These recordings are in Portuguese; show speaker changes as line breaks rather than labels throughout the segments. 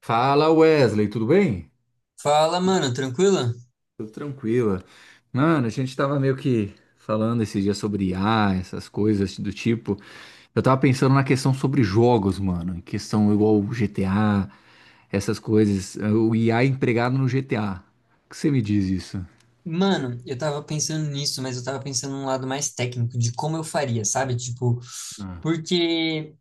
Fala Wesley, tudo bem?
Fala, mano, tranquila.
Tudo tranquila. Mano, a gente tava meio que falando esse dia sobre IA, essas coisas do tipo. Eu tava pensando na questão sobre jogos, mano. Questão igual o GTA, essas coisas. O IA empregado no GTA. O que você me diz isso?
Mano, eu tava pensando nisso, mas eu tava pensando num lado mais técnico de como eu faria, sabe? Tipo,
Ah,
porque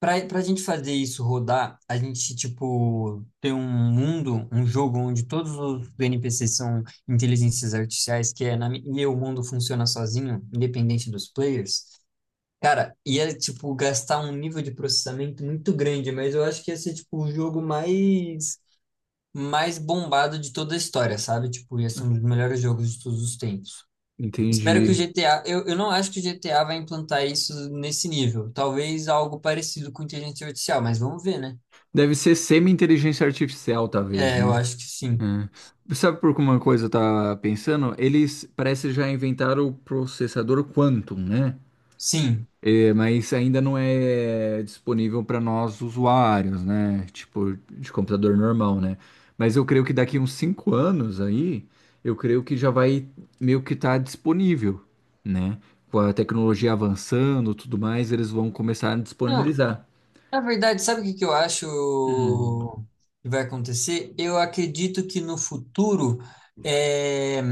pra gente fazer isso rodar, a gente, tipo, ter um mundo, um jogo onde todos os NPCs são inteligências artificiais, que é na, mi- e o mundo funciona sozinho, independente dos players. Cara, ia, tipo, gastar um nível de processamento muito grande, mas eu acho que ia ser, tipo, o jogo mais bombado de toda a história, sabe? Tipo, ia ser um dos melhores jogos de todos os tempos. Espero que o
entendi.
GTA. Eu não acho que o GTA vai implantar isso nesse nível. Talvez algo parecido com inteligência artificial, mas vamos ver, né?
Deve ser semi-inteligência artificial, talvez,
É, eu
né?
acho que sim.
É. Sabe por que uma coisa eu tava pensando? Eles parece já inventaram o processador Quantum, né?
Sim.
É, mas ainda não é disponível para nós usuários, né? Tipo, de computador normal, né? Mas eu creio que daqui uns 5 anos aí, eu creio que já vai meio que estar disponível, né? Com a tecnologia avançando, tudo mais, eles vão começar a
Não,
disponibilizar.
na verdade, sabe o que que eu acho
Hum.
que vai acontecer? Eu acredito que no futuro. é,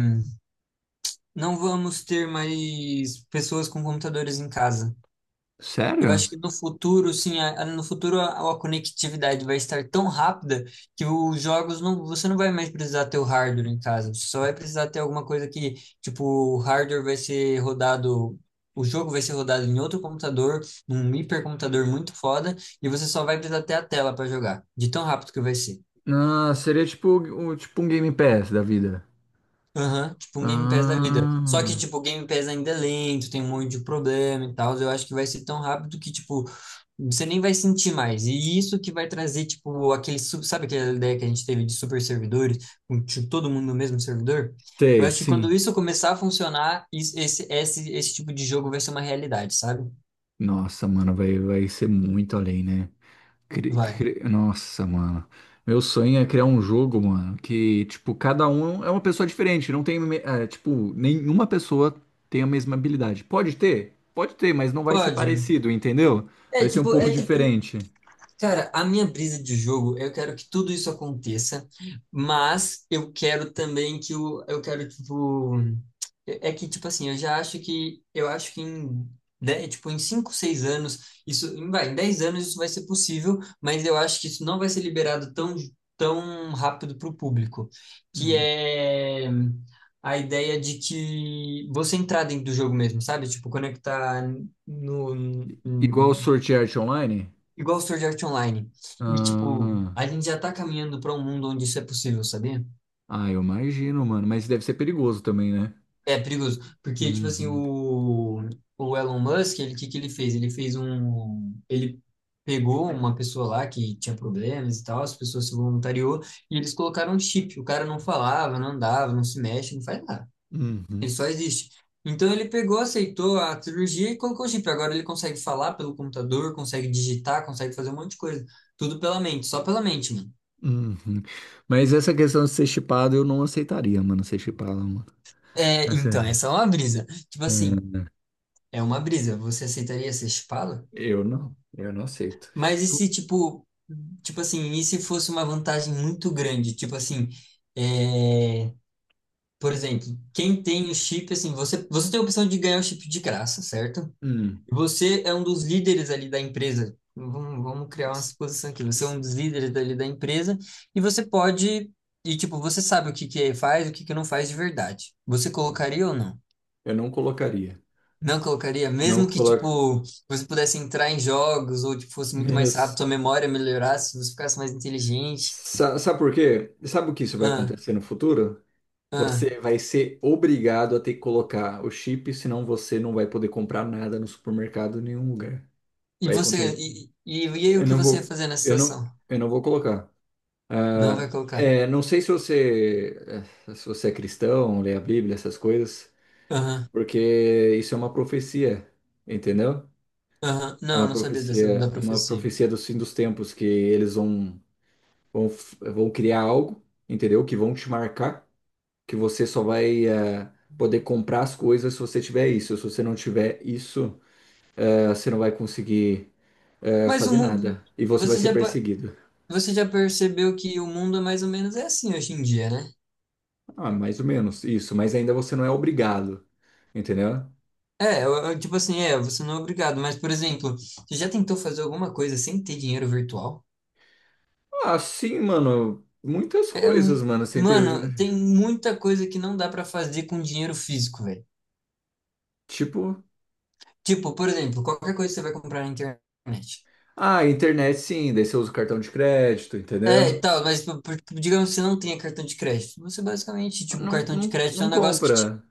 Não vamos ter mais pessoas com computadores em casa. Eu acho
Sério?
que no futuro, sim, no futuro a conectividade vai estar tão rápida que os jogos não, você não vai mais precisar ter o hardware em casa. Você só vai precisar ter alguma coisa que, tipo, o hardware vai ser rodado, o jogo vai ser rodado em outro computador, num hipercomputador muito foda, e você só vai precisar ter a tela para jogar, de tão rápido que vai ser.
Ah, seria tipo, tipo um Game Pass da vida.
Aham, tipo um Game Pass da vida. Só que,
Ah,
tipo, o Game Pass ainda é lento, tem um monte de problema e tal. Eu acho que vai ser tão rápido que, tipo, você nem vai sentir mais. E isso que vai trazer, tipo, aquele, sabe aquela ideia que a gente teve de super servidores, com tipo, todo mundo no mesmo servidor? Eu
sei,
acho que quando
sim.
isso começar a funcionar, esse tipo de jogo vai ser uma realidade, sabe?
Nossa, mano, vai ser muito além, né?
Vai.
Nossa, mano. Meu sonho é criar um jogo, mano, que, tipo, cada um é uma pessoa diferente. Não tem, é, tipo, nenhuma pessoa tem a mesma habilidade. Pode ter? Pode ter, mas não vai ser
Pode.
parecido, entendeu? Vai ser um pouco
É tipo,
diferente.
cara, a minha brisa de jogo, eu quero que tudo isso aconteça, mas eu quero também que o, eu quero, tipo, é que, tipo assim, eu já acho que, eu acho que tipo, em 5, 6 anos, em 10 anos isso vai ser possível, mas eu acho que isso não vai ser liberado tão, tão rápido para o público, que
Hum.
é a ideia de que você entrar dentro do jogo mesmo, sabe? Tipo, conectar no,
Igual o Sword Art Online?
igual Sword Art Online. E, tipo,
Ah,
a gente já tá caminhando para um mundo onde isso é possível, sabia?
ah, eu imagino, mano. Mas deve ser perigoso também, né?
É perigoso. Porque, tipo assim,
Uhum,
o Elon Musk, ele, o que que ele fez? Ele pegou uma pessoa lá que tinha problemas e tal, as pessoas se voluntariou, e eles colocaram um chip. O cara não falava, não andava, não se mexe, não faz nada.
uhum,
Ele só existe. Então ele pegou, aceitou a cirurgia e colocou o chip. Agora ele consegue falar pelo computador, consegue digitar, consegue fazer um monte de coisa. Tudo pela mente, só pela mente, mano.
uhum. Mas essa questão de ser chipado, eu não aceitaria, mano, ser chipado, mano.
É, então,
Aceita.
essa é uma brisa. Tipo assim,
É.
é uma brisa. Você aceitaria ser chipado?
Eu não aceito.
Mas e se, tipo, tipo assim, e se fosse uma vantagem muito grande? Tipo assim, é, por exemplo, quem tem o chip, assim, você tem a opção de ganhar o chip de graça, certo?
Hum,
E você é um dos líderes ali da empresa. Vamos criar uma
s-
suposição aqui. Você é
s-
um dos líderes ali da empresa e você pode, e tipo, você sabe o que que faz, e o que que não faz de verdade. Você colocaria ou não?
eu não colocaria.
Não colocaria,
Não
mesmo que,
coloca.
tipo, você pudesse entrar em jogos ou, tipo, fosse muito mais rápido,
Mas,
sua memória melhorasse, você ficasse mais inteligente.
sabe por quê? Sabe o que isso vai
Ah,
acontecer no futuro?
ah.
Você vai ser obrigado a ter que colocar o chip, senão você não vai poder comprar nada no supermercado em nenhum lugar. Vai acontecer.
E aí o
Eu
que
não
você ia
vou,
fazer nessa
eu não,
situação?
eu não vou colocar.
Não vai
Ah,
colocar.
é, não sei se você, se você é cristão, lê a Bíblia, essas coisas,
Aham,
porque isso é uma profecia, entendeu?
aham. Não, eu não sabia dessa, da
É uma
profecia.
profecia do fim dos tempos, que eles vão criar algo, entendeu? Que vão te marcar, que você só vai poder comprar as coisas se você tiver isso. Se você não tiver isso, você não vai conseguir
Mas o
fazer
mundo,
nada. E você vai
você
ser
já, pa-
perseguido.
você já percebeu que o mundo é mais ou menos é assim hoje em dia, né?
Ah, mais ou menos isso, mas ainda você não é obrigado, entendeu?
É, tipo assim, é, você não é obrigado, mas, por exemplo, você já tentou fazer alguma coisa sem ter dinheiro virtual?
Ah, sim, mano. Muitas
É,
coisas, mano. Você inter...
mano, tem muita coisa que não dá pra fazer com dinheiro físico, velho.
Tipo,
Tipo, por exemplo, qualquer coisa que você vai comprar na internet.
ah, internet sim, daí você usa o cartão de crédito, entendeu?
É, e tal, mas tipo, digamos que você não tenha cartão de crédito. Você basicamente, tipo, o
Não,
cartão de
não,
crédito é
não
um negócio que te.
compra.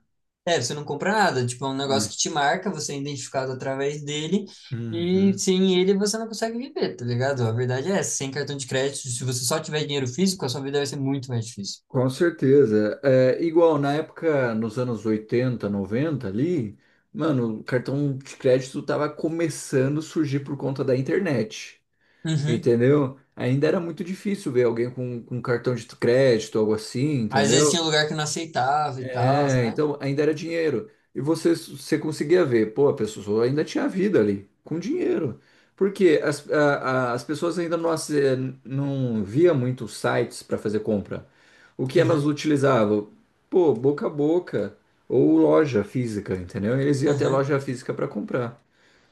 É, você não compra nada. Tipo, é um negócio
Né?
que te marca, você é identificado através dele. E
Uhum.
sem ele você não consegue viver, tá ligado? A verdade é essa. Sem cartão de crédito, se você só tiver dinheiro físico, a sua vida vai ser muito mais difícil.
Com certeza. É, é igual na época, nos anos 80, 90 ali, mano, o cartão de crédito tava começando a surgir por conta da internet.
Uhum.
Entendeu? Ainda era muito difícil ver alguém com cartão de crédito, algo assim,
Às vezes
entendeu?
tinha lugar que não aceitava e tal,
É,
né?
então ainda era dinheiro. E você conseguia ver, pô, a pessoa ainda tinha vida ali, com dinheiro. Porque as pessoas ainda não, não via muitos sites para fazer compra. O que elas
Uhum.
utilizavam? Pô, boca a boca ou loja física, entendeu? Eles iam até
Uhum.
loja física para comprar,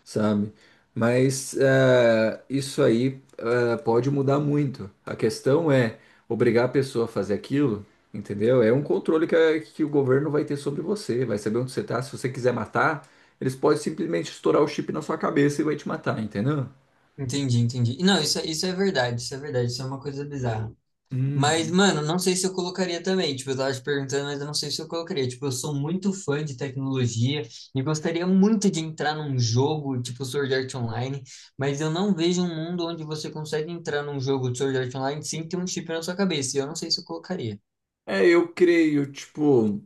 sabe? Mas isso aí pode mudar muito. A questão é obrigar a pessoa a fazer aquilo, entendeu? É um controle que, que o governo vai ter sobre você, vai saber onde você tá. Se você quiser matar, eles podem simplesmente estourar o chip na sua cabeça e vai te matar, entendeu?
Entendi, entendi. Não, isso, isso é verdade, isso é verdade, isso é uma coisa bizarra. Mas,
Uhum.
mano, não sei se eu colocaria também. Tipo, eu tava te perguntando, mas eu não sei se eu colocaria. Tipo, eu sou muito fã de tecnologia e gostaria muito de entrar num jogo, tipo Sword Art Online, mas eu não vejo um mundo onde você consegue entrar num jogo de Sword Art Online sem ter um chip na sua cabeça. E eu não sei se eu colocaria.
É, eu creio, tipo,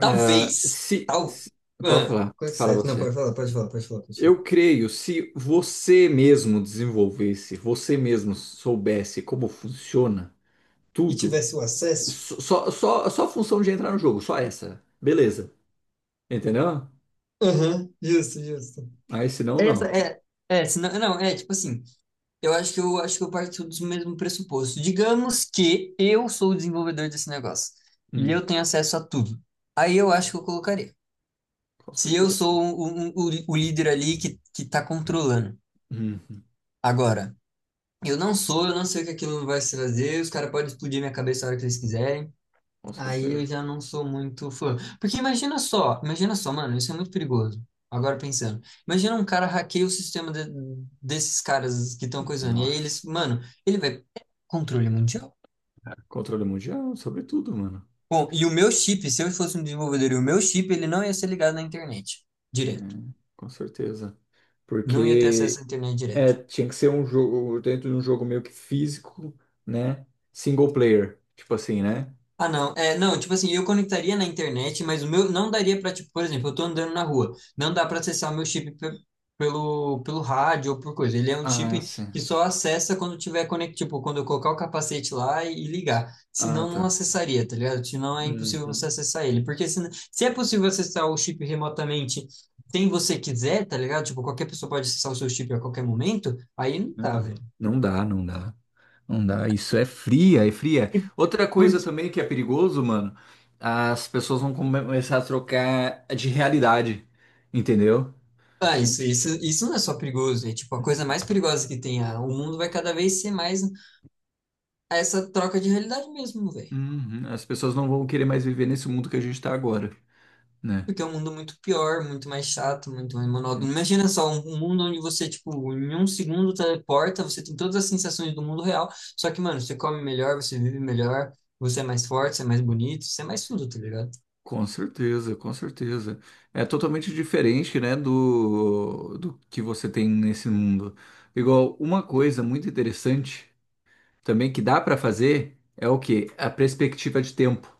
eh, se,
tal.
se- Pode
Ah,
falar,
coisa
fala
certa. Não,
você.
pode falar, pode falar, pode falar, pode falar.
Eu creio, se você mesmo desenvolvesse, você mesmo soubesse como funciona,
E
tudo.
tivesse o acesso?
Só a função de entrar no jogo, só essa. Beleza. Entendeu?
Aham, justo, justo.
Aí se não,
Essa
não.
é, senão, não, é tipo assim, eu acho que eu parto do mesmo pressuposto. Digamos que eu sou o desenvolvedor desse negócio e
Hum,
eu tenho acesso a tudo. Aí eu acho que eu colocaria.
com
Se eu
certeza.
sou o líder ali que tá controlando.
Uhum,
Agora, eu não sei o que aquilo vai se fazer, os caras podem explodir minha cabeça a hora que eles quiserem.
com
Aí eu
certeza.
já não sou muito fã. Imagina só, mano, isso é muito perigoso. Agora pensando. Imagina um cara hackeia o sistema de- desses caras que estão coisando. E aí eles,
Nossa.
mano, ele vai. Controle mundial.
Controle mundial, sobretudo, mano.
Bom, se eu fosse um desenvolvedor, e o meu chip, ele não ia ser ligado na internet
É,
direto.
com certeza.
Não ia ter
Porque
acesso à internet direto.
é, tinha que ser um jogo dentro de um jogo meio que físico, né? Single player. Tipo assim, né?
Ah, não. É, não, tipo assim, eu conectaria na internet, mas o meu não daria pra, tipo, por exemplo, eu tô andando na rua, não dá pra acessar o meu chip pelo rádio ou por coisa. Ele é um
Ah,
chip
sim.
que só acessa quando tiver conect, tipo, quando eu colocar o capacete lá e ligar.
Ah,
Senão não
tá.
acessaria, tá ligado? Senão é impossível você
Uhum.
acessar ele. Porque se é possível acessar o chip remotamente sem você quiser, tá ligado? Tipo, qualquer pessoa pode acessar o seu chip a qualquer momento, aí não
Não,
dá,
não.
velho.
Não dá, não dá. Não dá, isso é fria, é fria. Outra coisa também que é perigoso, mano, as pessoas vão começar a trocar de realidade, entendeu?
Ah, isso não é só perigoso, é tipo a coisa mais perigosa que tem. Ah, o mundo vai cada vez ser mais essa troca de realidade mesmo, velho.
Uhum. As pessoas não vão querer mais viver nesse mundo que a gente tá agora, né?
Porque é um mundo muito pior, muito mais chato, muito mais monótono. Imagina só um mundo onde você, tipo, em um segundo teleporta, você tem todas as sensações do mundo real, só que, mano, você come melhor, você vive melhor, você é mais forte, você é mais bonito, você é mais tudo, tá ligado?
Com certeza, com certeza. É totalmente diferente, né, do que você tem nesse mundo. Igual, uma coisa muito interessante também que dá pra fazer é o quê? A perspectiva de tempo.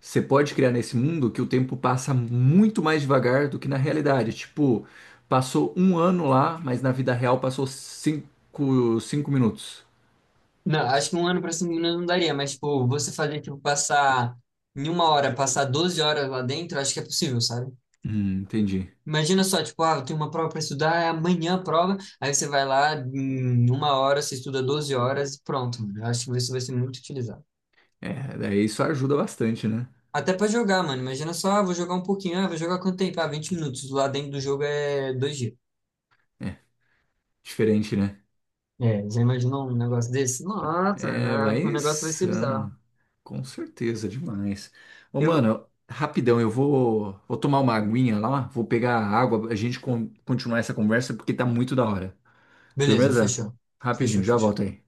Você pode criar nesse mundo que o tempo passa muito mais devagar do que na realidade. Tipo, passou um ano lá, mas na vida real passou 5 minutos.
Não, acho que um ano pra cima não daria, mas, tipo, você fazer, tipo, passar em uma hora, passar 12 horas lá dentro, acho que é possível, sabe?
Entendi.
Imagina só, tipo, ah, eu tenho uma prova para estudar, é amanhã a prova, aí você vai lá, em uma hora, você estuda 12 horas e pronto, mano. Eu acho que isso vai ser muito utilizado.
É, daí isso ajuda bastante, né?
Até para jogar, mano. Imagina só, ah, vou jogar um pouquinho, ah, vou jogar quanto tempo? Ah, 20 minutos. Lá dentro do jogo é dois dias.
É, diferente, né?
É, já imaginou um negócio desse? Nossa, mano,
É, vai
ah, o negócio vai ser bizarro.
insano. Com certeza, demais. Ô,
Eu...
mano, rapidão, vou tomar uma aguinha lá, vou pegar a água, a gente continuar essa conversa porque tá muito da hora.
Beleza,
Firmeza?
fechou.
Rapidinho,
Fechou,
já
fechou.
volto aí.